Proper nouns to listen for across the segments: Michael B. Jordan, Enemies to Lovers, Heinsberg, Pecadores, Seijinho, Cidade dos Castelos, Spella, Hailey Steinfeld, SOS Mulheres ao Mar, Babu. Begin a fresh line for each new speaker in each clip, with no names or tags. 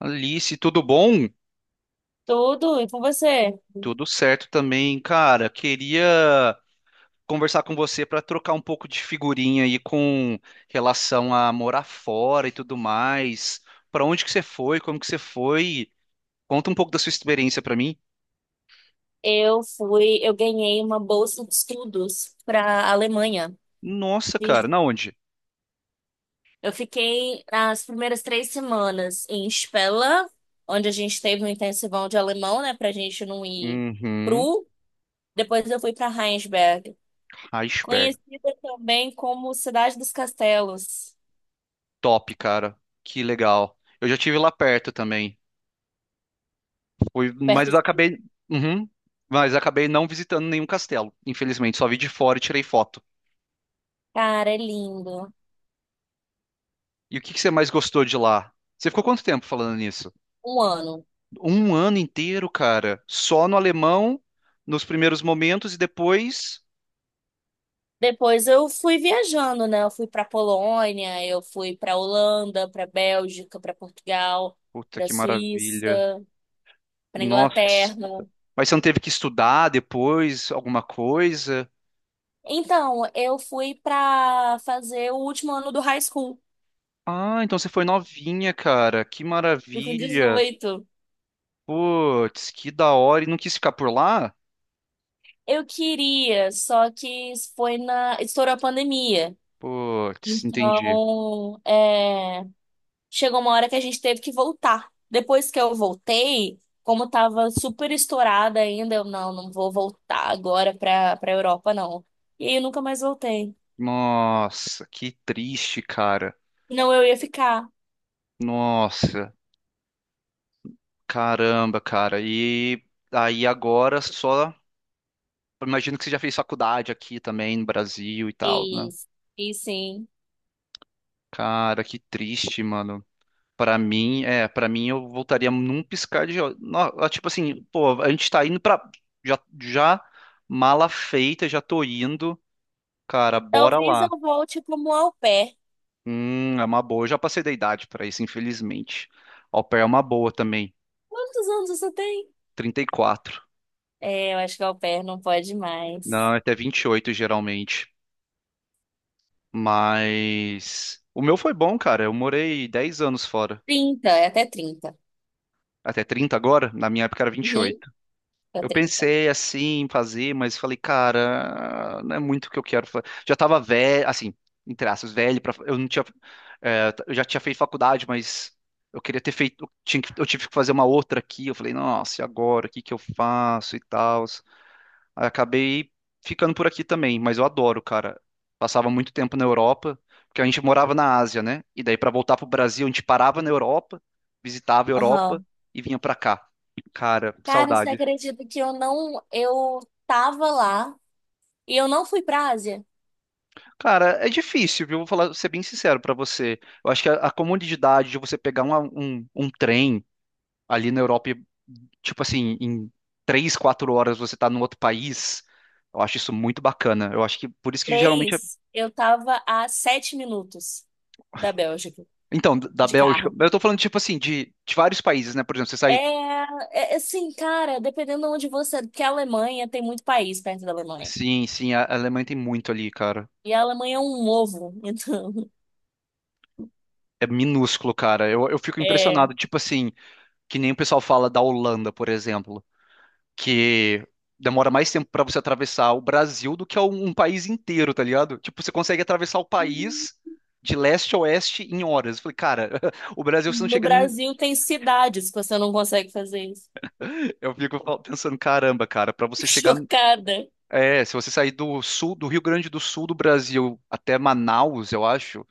Alice, tudo bom?
Tudo, e com você?
Tudo certo também, cara. Queria conversar com você para trocar um pouco de figurinha aí com relação a morar fora e tudo mais. Para onde que você foi? Como que você foi? Conta um pouco da sua experiência para mim.
Eu ganhei uma bolsa de estudos para a Alemanha.
Nossa,
E
cara, na onde?
eu fiquei as primeiras 3 semanas em Spella, onde a gente teve um intensivão de alemão, né, pra gente não ir
Uhum.
cru. Depois eu fui para Heinsberg,
Iceberg.
conhecida também como Cidade dos Castelos,
Top, cara. Que legal. Eu já tive lá perto também. Fui, mas
perto
eu
de.
acabei, uhum, mas acabei não visitando nenhum castelo. Infelizmente, só vi de fora e tirei foto.
Cara, é lindo.
E o que que você mais gostou de lá? Você ficou quanto tempo falando nisso?
Um ano.
Um ano inteiro, cara, só no alemão, nos primeiros momentos e depois.
Depois eu fui viajando, né? Eu fui para Polônia, eu fui para Holanda, para Bélgica, para Portugal,
Puta
para
que maravilha.
Suíça, para
Nossa.
Inglaterra.
Mas você não teve que estudar depois alguma coisa?
Então, eu fui para fazer o último ano do high school,
Ah, então você foi novinha, cara. Que
fui com
maravilha.
18.
Putz, que da hora. E não quis ficar por lá?
Eu queria, só que foi na estourou a pandemia.
Putz, entendi.
Então, chegou uma hora que a gente teve que voltar. Depois que eu voltei, como tava super estourada ainda, eu não, não vou voltar agora pra Europa, não. E aí eu nunca mais voltei.
Nossa, que triste, cara.
Não, eu ia ficar.
Nossa. Caramba, cara. E aí agora só. Imagino que você já fez faculdade aqui também no Brasil e tal, né?
Fiz, fiz sim.
Cara, que triste, mano. Pra mim, é, para mim eu voltaria num piscar de olhos. No- Tipo assim, pô, a gente tá indo pra. Já, já mala feita, já tô indo. Cara, bora
Talvez
lá.
eu volte como au pair.
É uma boa. Eu já passei da idade pra isso, infelizmente. Au pair é uma boa também.
Quantos anos você tem?
34.
É, eu acho que au pair não pode mais.
Não, é até 28 geralmente. Mas o meu foi bom, cara. Eu morei 10 anos fora.
30, é até 30.
Até 30 agora, na minha época era vinte e
Uhum,
oito.
até
Eu
30.
pensei assim em fazer, mas falei, cara, não é muito o que eu quero fazer. Já tava velho, assim, entre aspas, velho para eu não tinha é, eu já tinha feito faculdade, mas eu queria ter feito, eu tinha que- eu tive que fazer uma outra aqui. Eu falei, nossa, e agora? O que que eu faço e tal? Acabei ficando por aqui também, mas eu adoro, cara. Passava muito tempo na Europa, porque a gente morava na Ásia, né? E daí pra voltar pro Brasil, a gente parava na Europa, visitava a Europa
Aham.
e vinha pra cá. Cara,
Cara, você
saudade.
acredita que eu não. Eu tava lá e eu não fui pra Ásia?
Cara, é difícil, viu? Vou falar, ser bem sincero pra você. Eu acho que a comodidade de você pegar um trem ali na Europa, e, tipo assim, em três, quatro horas você tá num outro país, eu acho isso muito bacana. Eu acho que por isso que geralmente
Três eu tava a 7 minutos da Bélgica,
Então, d- da
de
Bélgica.
carro.
Eu tô falando, tipo assim, de vários países, né? Por exemplo, você
É,
sai.
assim, cara, dependendo de onde você. Porque a Alemanha tem muito país perto da Alemanha.
Sim, sim, a Alemanha tem muito ali, cara.
E a Alemanha é um ovo, então.
É minúsculo, cara. Eu fico
É.
impressionado, tipo assim, que nem o pessoal fala da Holanda, por exemplo, que demora mais tempo pra você atravessar o Brasil do que um país inteiro, tá ligado? Tipo, você consegue atravessar o país de leste a oeste em horas. Eu falei, cara, o Brasil você não
No
chega. Nem-
Brasil tem cidades que você não consegue fazer isso.
Eu fico fal- pensando, caramba, cara, pra você chegar.
Chocada.
É, se você sair do sul, do Rio Grande do Sul do Brasil até Manaus, eu acho,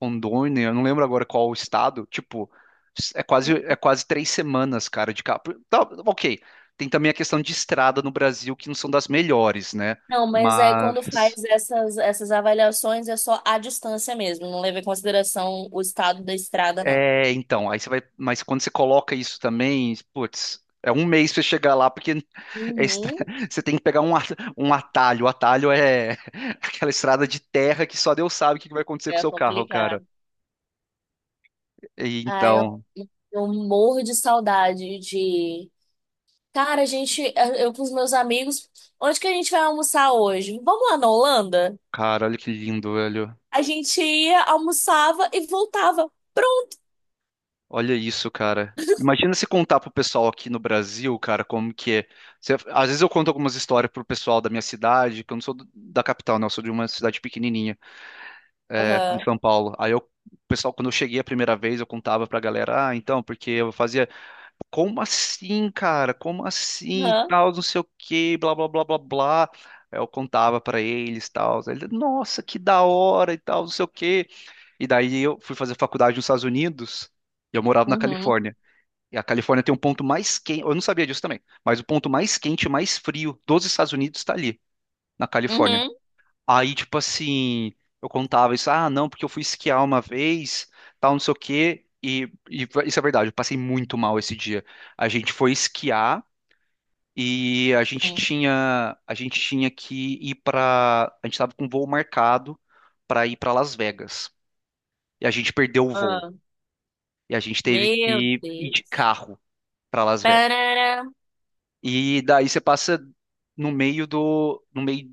Rondônia, eu não lembro agora qual o estado, tipo, é quase três semanas, cara, de carro. Tá, ok, tem também a questão de estrada no Brasil, que não são das melhores, né?
Não, mas aí quando
Mas,
faz essas avaliações é só a distância mesmo, não leva em consideração o estado da estrada, não.
é, então, aí você vai, mas quando você coloca isso também, putz, é um mês pra você chegar lá, porque é estra-
Uhum,
você tem que pegar um, at- um atalho, o atalho é aquela estrada de terra que só Deus sabe o que que vai acontecer com o
é
seu carro, cara.
complicado.
E
Ai, eu,
então,
eu morro de saudade de. Cara, a gente, eu com os meus amigos, onde que a gente vai almoçar hoje? Vamos lá na Holanda?
cara, olha que lindo, velho.
A gente ia, almoçava e voltava. Pronto!
Olha isso, cara. Imagina se contar pro pessoal aqui no Brasil, cara, como que é. Você- às vezes eu conto algumas histórias pro pessoal da minha cidade, que eu não sou do- da capital, não, eu sou de uma cidade pequenininha, é, aqui em
Aham,
São Paulo. Aí eu, o pessoal, quando eu cheguei a primeira vez, eu contava pra galera, ah, então, porque eu fazia, como assim, cara? Como assim?
aham,
Tal, não sei o quê, blá, blá, blá, blá, blá. Aí eu contava pra eles, tal. Aí eles, nossa, que da hora e tal, não sei o quê. E daí eu fui fazer faculdade nos Estados Unidos e eu morava na
uhum,
Califórnia. E a Califórnia tem um ponto mais quente, eu não sabia disso também, mas o ponto mais quente e mais frio dos Estados Unidos está ali, na Califórnia.
uhum,
Aí, tipo assim, eu contava isso, ah, não, porque eu fui esquiar uma vez, tal, não sei o quê, e isso é verdade, eu passei muito mal esse dia. A gente foi esquiar e
uhum.
a gente tinha que ir para, a gente estava com um voo marcado para ir para Las Vegas. E a gente perdeu o voo.
Ah,
E a gente teve
meu
que ir de
Deus.
carro para Las Vegas.
Parará.
E daí você passa no meio do, no meio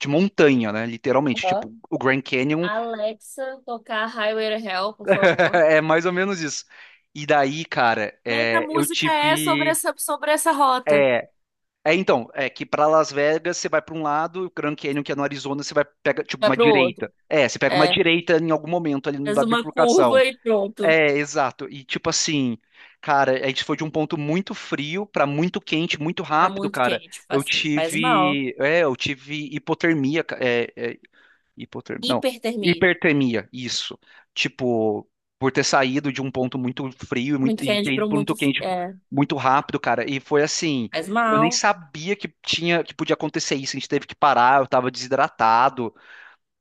de montanha, né? Literalmente,
Aham.
tipo, o Grand Canyon
Alexa, tocar Highway to Hell, por favor.
é mais ou menos isso. E daí, cara,
Mas a
é, eu
música é sobre
tive,
essa, sobre essa rota.
é, é então, é que para Las Vegas você vai para um lado, o Grand Canyon que é no Arizona você vai pega tipo
Vai
uma
pro outro.
direita. É, você pega uma
É,
direita em algum momento ali
faz
na
uma
bifurcação.
curva e pronto.
É, exato. E tipo assim, cara, a gente foi de um ponto muito frio pra muito quente, muito
Tá
rápido,
muito
cara.
quente, tipo
Eu
assim, faz mal.
tive, é, eu tive hipotermia, ca- é, é, hipotermia, não,
Hipertermia.
hipertermia, isso. Tipo, por ter saído de um ponto muito frio e, muito,
Muito
e
quente
ter
para
ido para
muito.
muito quente
É,
muito rápido, cara. E foi assim,
faz
eu nem
mal.
sabia que tinha, que podia acontecer isso. A gente teve que parar, eu tava desidratado.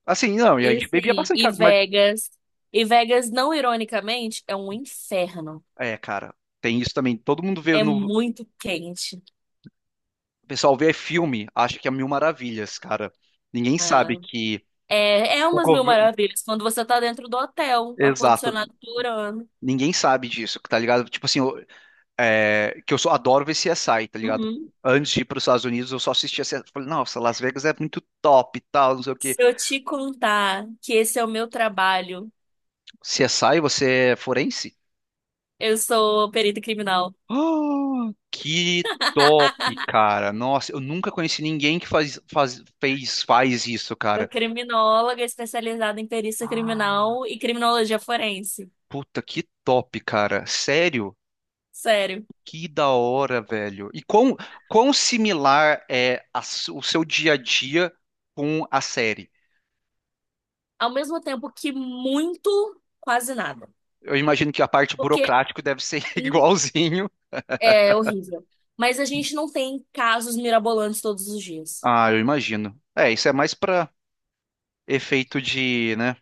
Assim, não, e a
E
gente bebia
assim,
bastante
e
água, mas
Vegas. E Vegas, não ironicamente, é um inferno.
é, cara, tem isso também. Todo mundo vê
É
no
muito quente,
O pessoal vê filme, acha que é mil maravilhas, cara. Ninguém
né?
sabe que
É
o
umas mil
governo.
maravilhas quando você tá dentro do hotel,
Exato.
ar-condicionado durando.
Ninguém sabe disso, tá ligado? Tipo assim, eu- é, que eu só adoro ver CSI, tá ligado?
Uhum.
Antes de ir para os Estados Unidos, eu só assistia CSI. Falei, nossa, Las Vegas é muito top e tal, não sei o quê.
Se eu te contar que esse é o meu trabalho,
CSI, você é forense?
eu sou perita criminal.
Ah, que top, cara. Nossa, eu nunca conheci ninguém que faz, faz, fez, faz isso,
Sou
cara.
criminóloga especializada em perícia
Ah,
criminal e criminologia forense.
puta, que top, cara. Sério?
Sério.
Que da hora, velho. E quão, quão similar é a s- o seu dia a dia com a série?
Ao mesmo tempo que muito, quase nada.
Eu imagino que a parte
Porque
burocrática deve ser
hum,
igualzinho.
é horrível. Mas a gente não tem casos mirabolantes todos os dias.
Ah, eu imagino. É, isso é mais pra efeito de, né?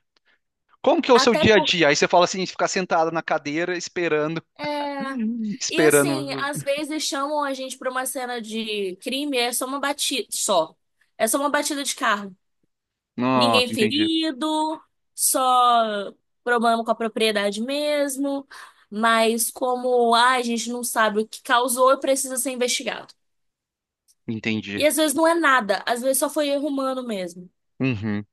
Como que é o seu
Até
dia a
porque.
dia? Aí você fala assim, ficar sentado na cadeira esperando,
É... E assim,
esperando.
às vezes chamam a gente pra uma cena de crime, é só uma batida. Só. É só uma batida de carro. Ninguém
Nossa, entendi.
ferido, só problema com a propriedade mesmo. Mas como a gente não sabe o que causou, precisa ser investigado. E
Entendi.
às vezes não é nada, às vezes só foi erro humano mesmo.
Uhum.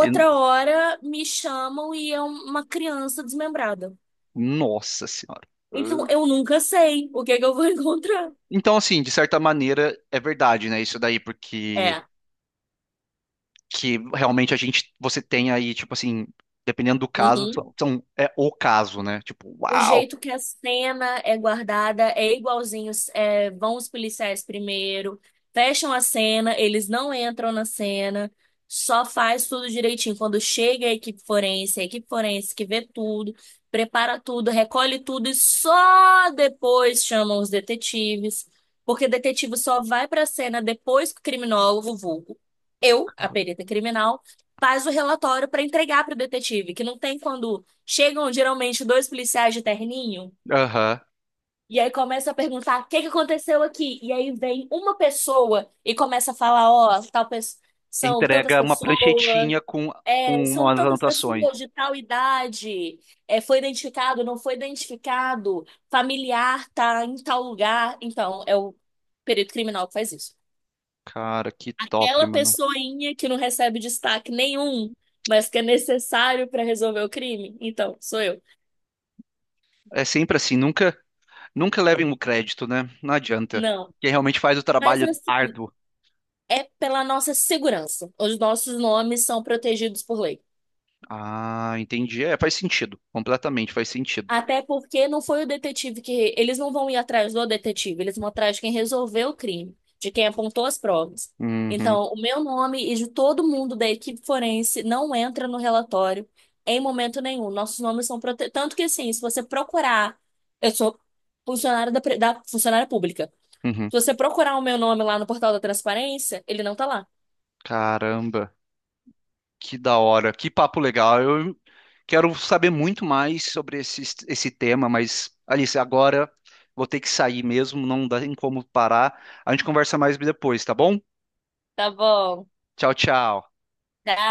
E-
hora me chamam e é uma criança desmembrada.
Nossa senhora.
Então eu nunca sei o que é que eu vou encontrar.
Então, assim, de certa maneira, é verdade, né? Isso daí, porque
É.
que realmente a gente você tem aí, tipo assim, dependendo do caso,
Uhum.
são, são- é o caso, né? Tipo,
O
uau!
jeito que a cena é guardada é igualzinho. Vão os policiais primeiro, fecham a cena, eles não entram na cena, só faz tudo direitinho. Quando chega a equipe forense que vê tudo, prepara tudo, recolhe tudo e só depois chamam os detetives, porque detetive só vai para a cena depois que o criminólogo, vulgo, eu, a perita criminal, faz o relatório para entregar para o detetive, que não tem quando. Chegam geralmente dois policiais de terninho
Aham.
e aí começa a perguntar o que que aconteceu aqui. E aí vem uma pessoa e começa a falar, ó, tal pessoa. São tantas
Entrega uma
pessoas,
pranchetinha
é,
com
são
umas
tantas
anotações.
pessoas de tal idade, foi identificado, não foi identificado, familiar tá em tal lugar. Então, é o perito criminal que faz isso.
Cara, que top,
Aquela
mano.
pessoinha que não recebe destaque nenhum, mas que é necessário para resolver o crime, então, sou eu.
É sempre assim, nunca nunca levem o crédito, né? Não adianta.
Não.
Quem realmente faz o
Mas
trabalho
assim,
árduo.
é pela nossa segurança. Os nossos nomes são protegidos por lei.
Ah, entendi. É, faz sentido. Completamente faz sentido.
Até porque não foi o detetive que. Eles não vão ir atrás do detetive, eles vão atrás de quem resolveu o crime, de quem apontou as provas.
Uhum,
Então, o meu nome e de todo mundo da equipe forense não entra no relatório em momento nenhum. Nossos nomes são protegidos. Tanto que, assim, se você procurar. Eu sou funcionária da funcionária pública.
uhum.
Se você procurar o meu nome lá no portal da transparência, ele não tá lá,
Caramba. Que da hora, que papo legal. Eu quero saber muito mais sobre esse, esse tema, mas Alice, agora vou ter que sair mesmo, não dá em como parar. A gente conversa mais depois, tá bom?
tá bom?
Tchau, tchau.
Tchau.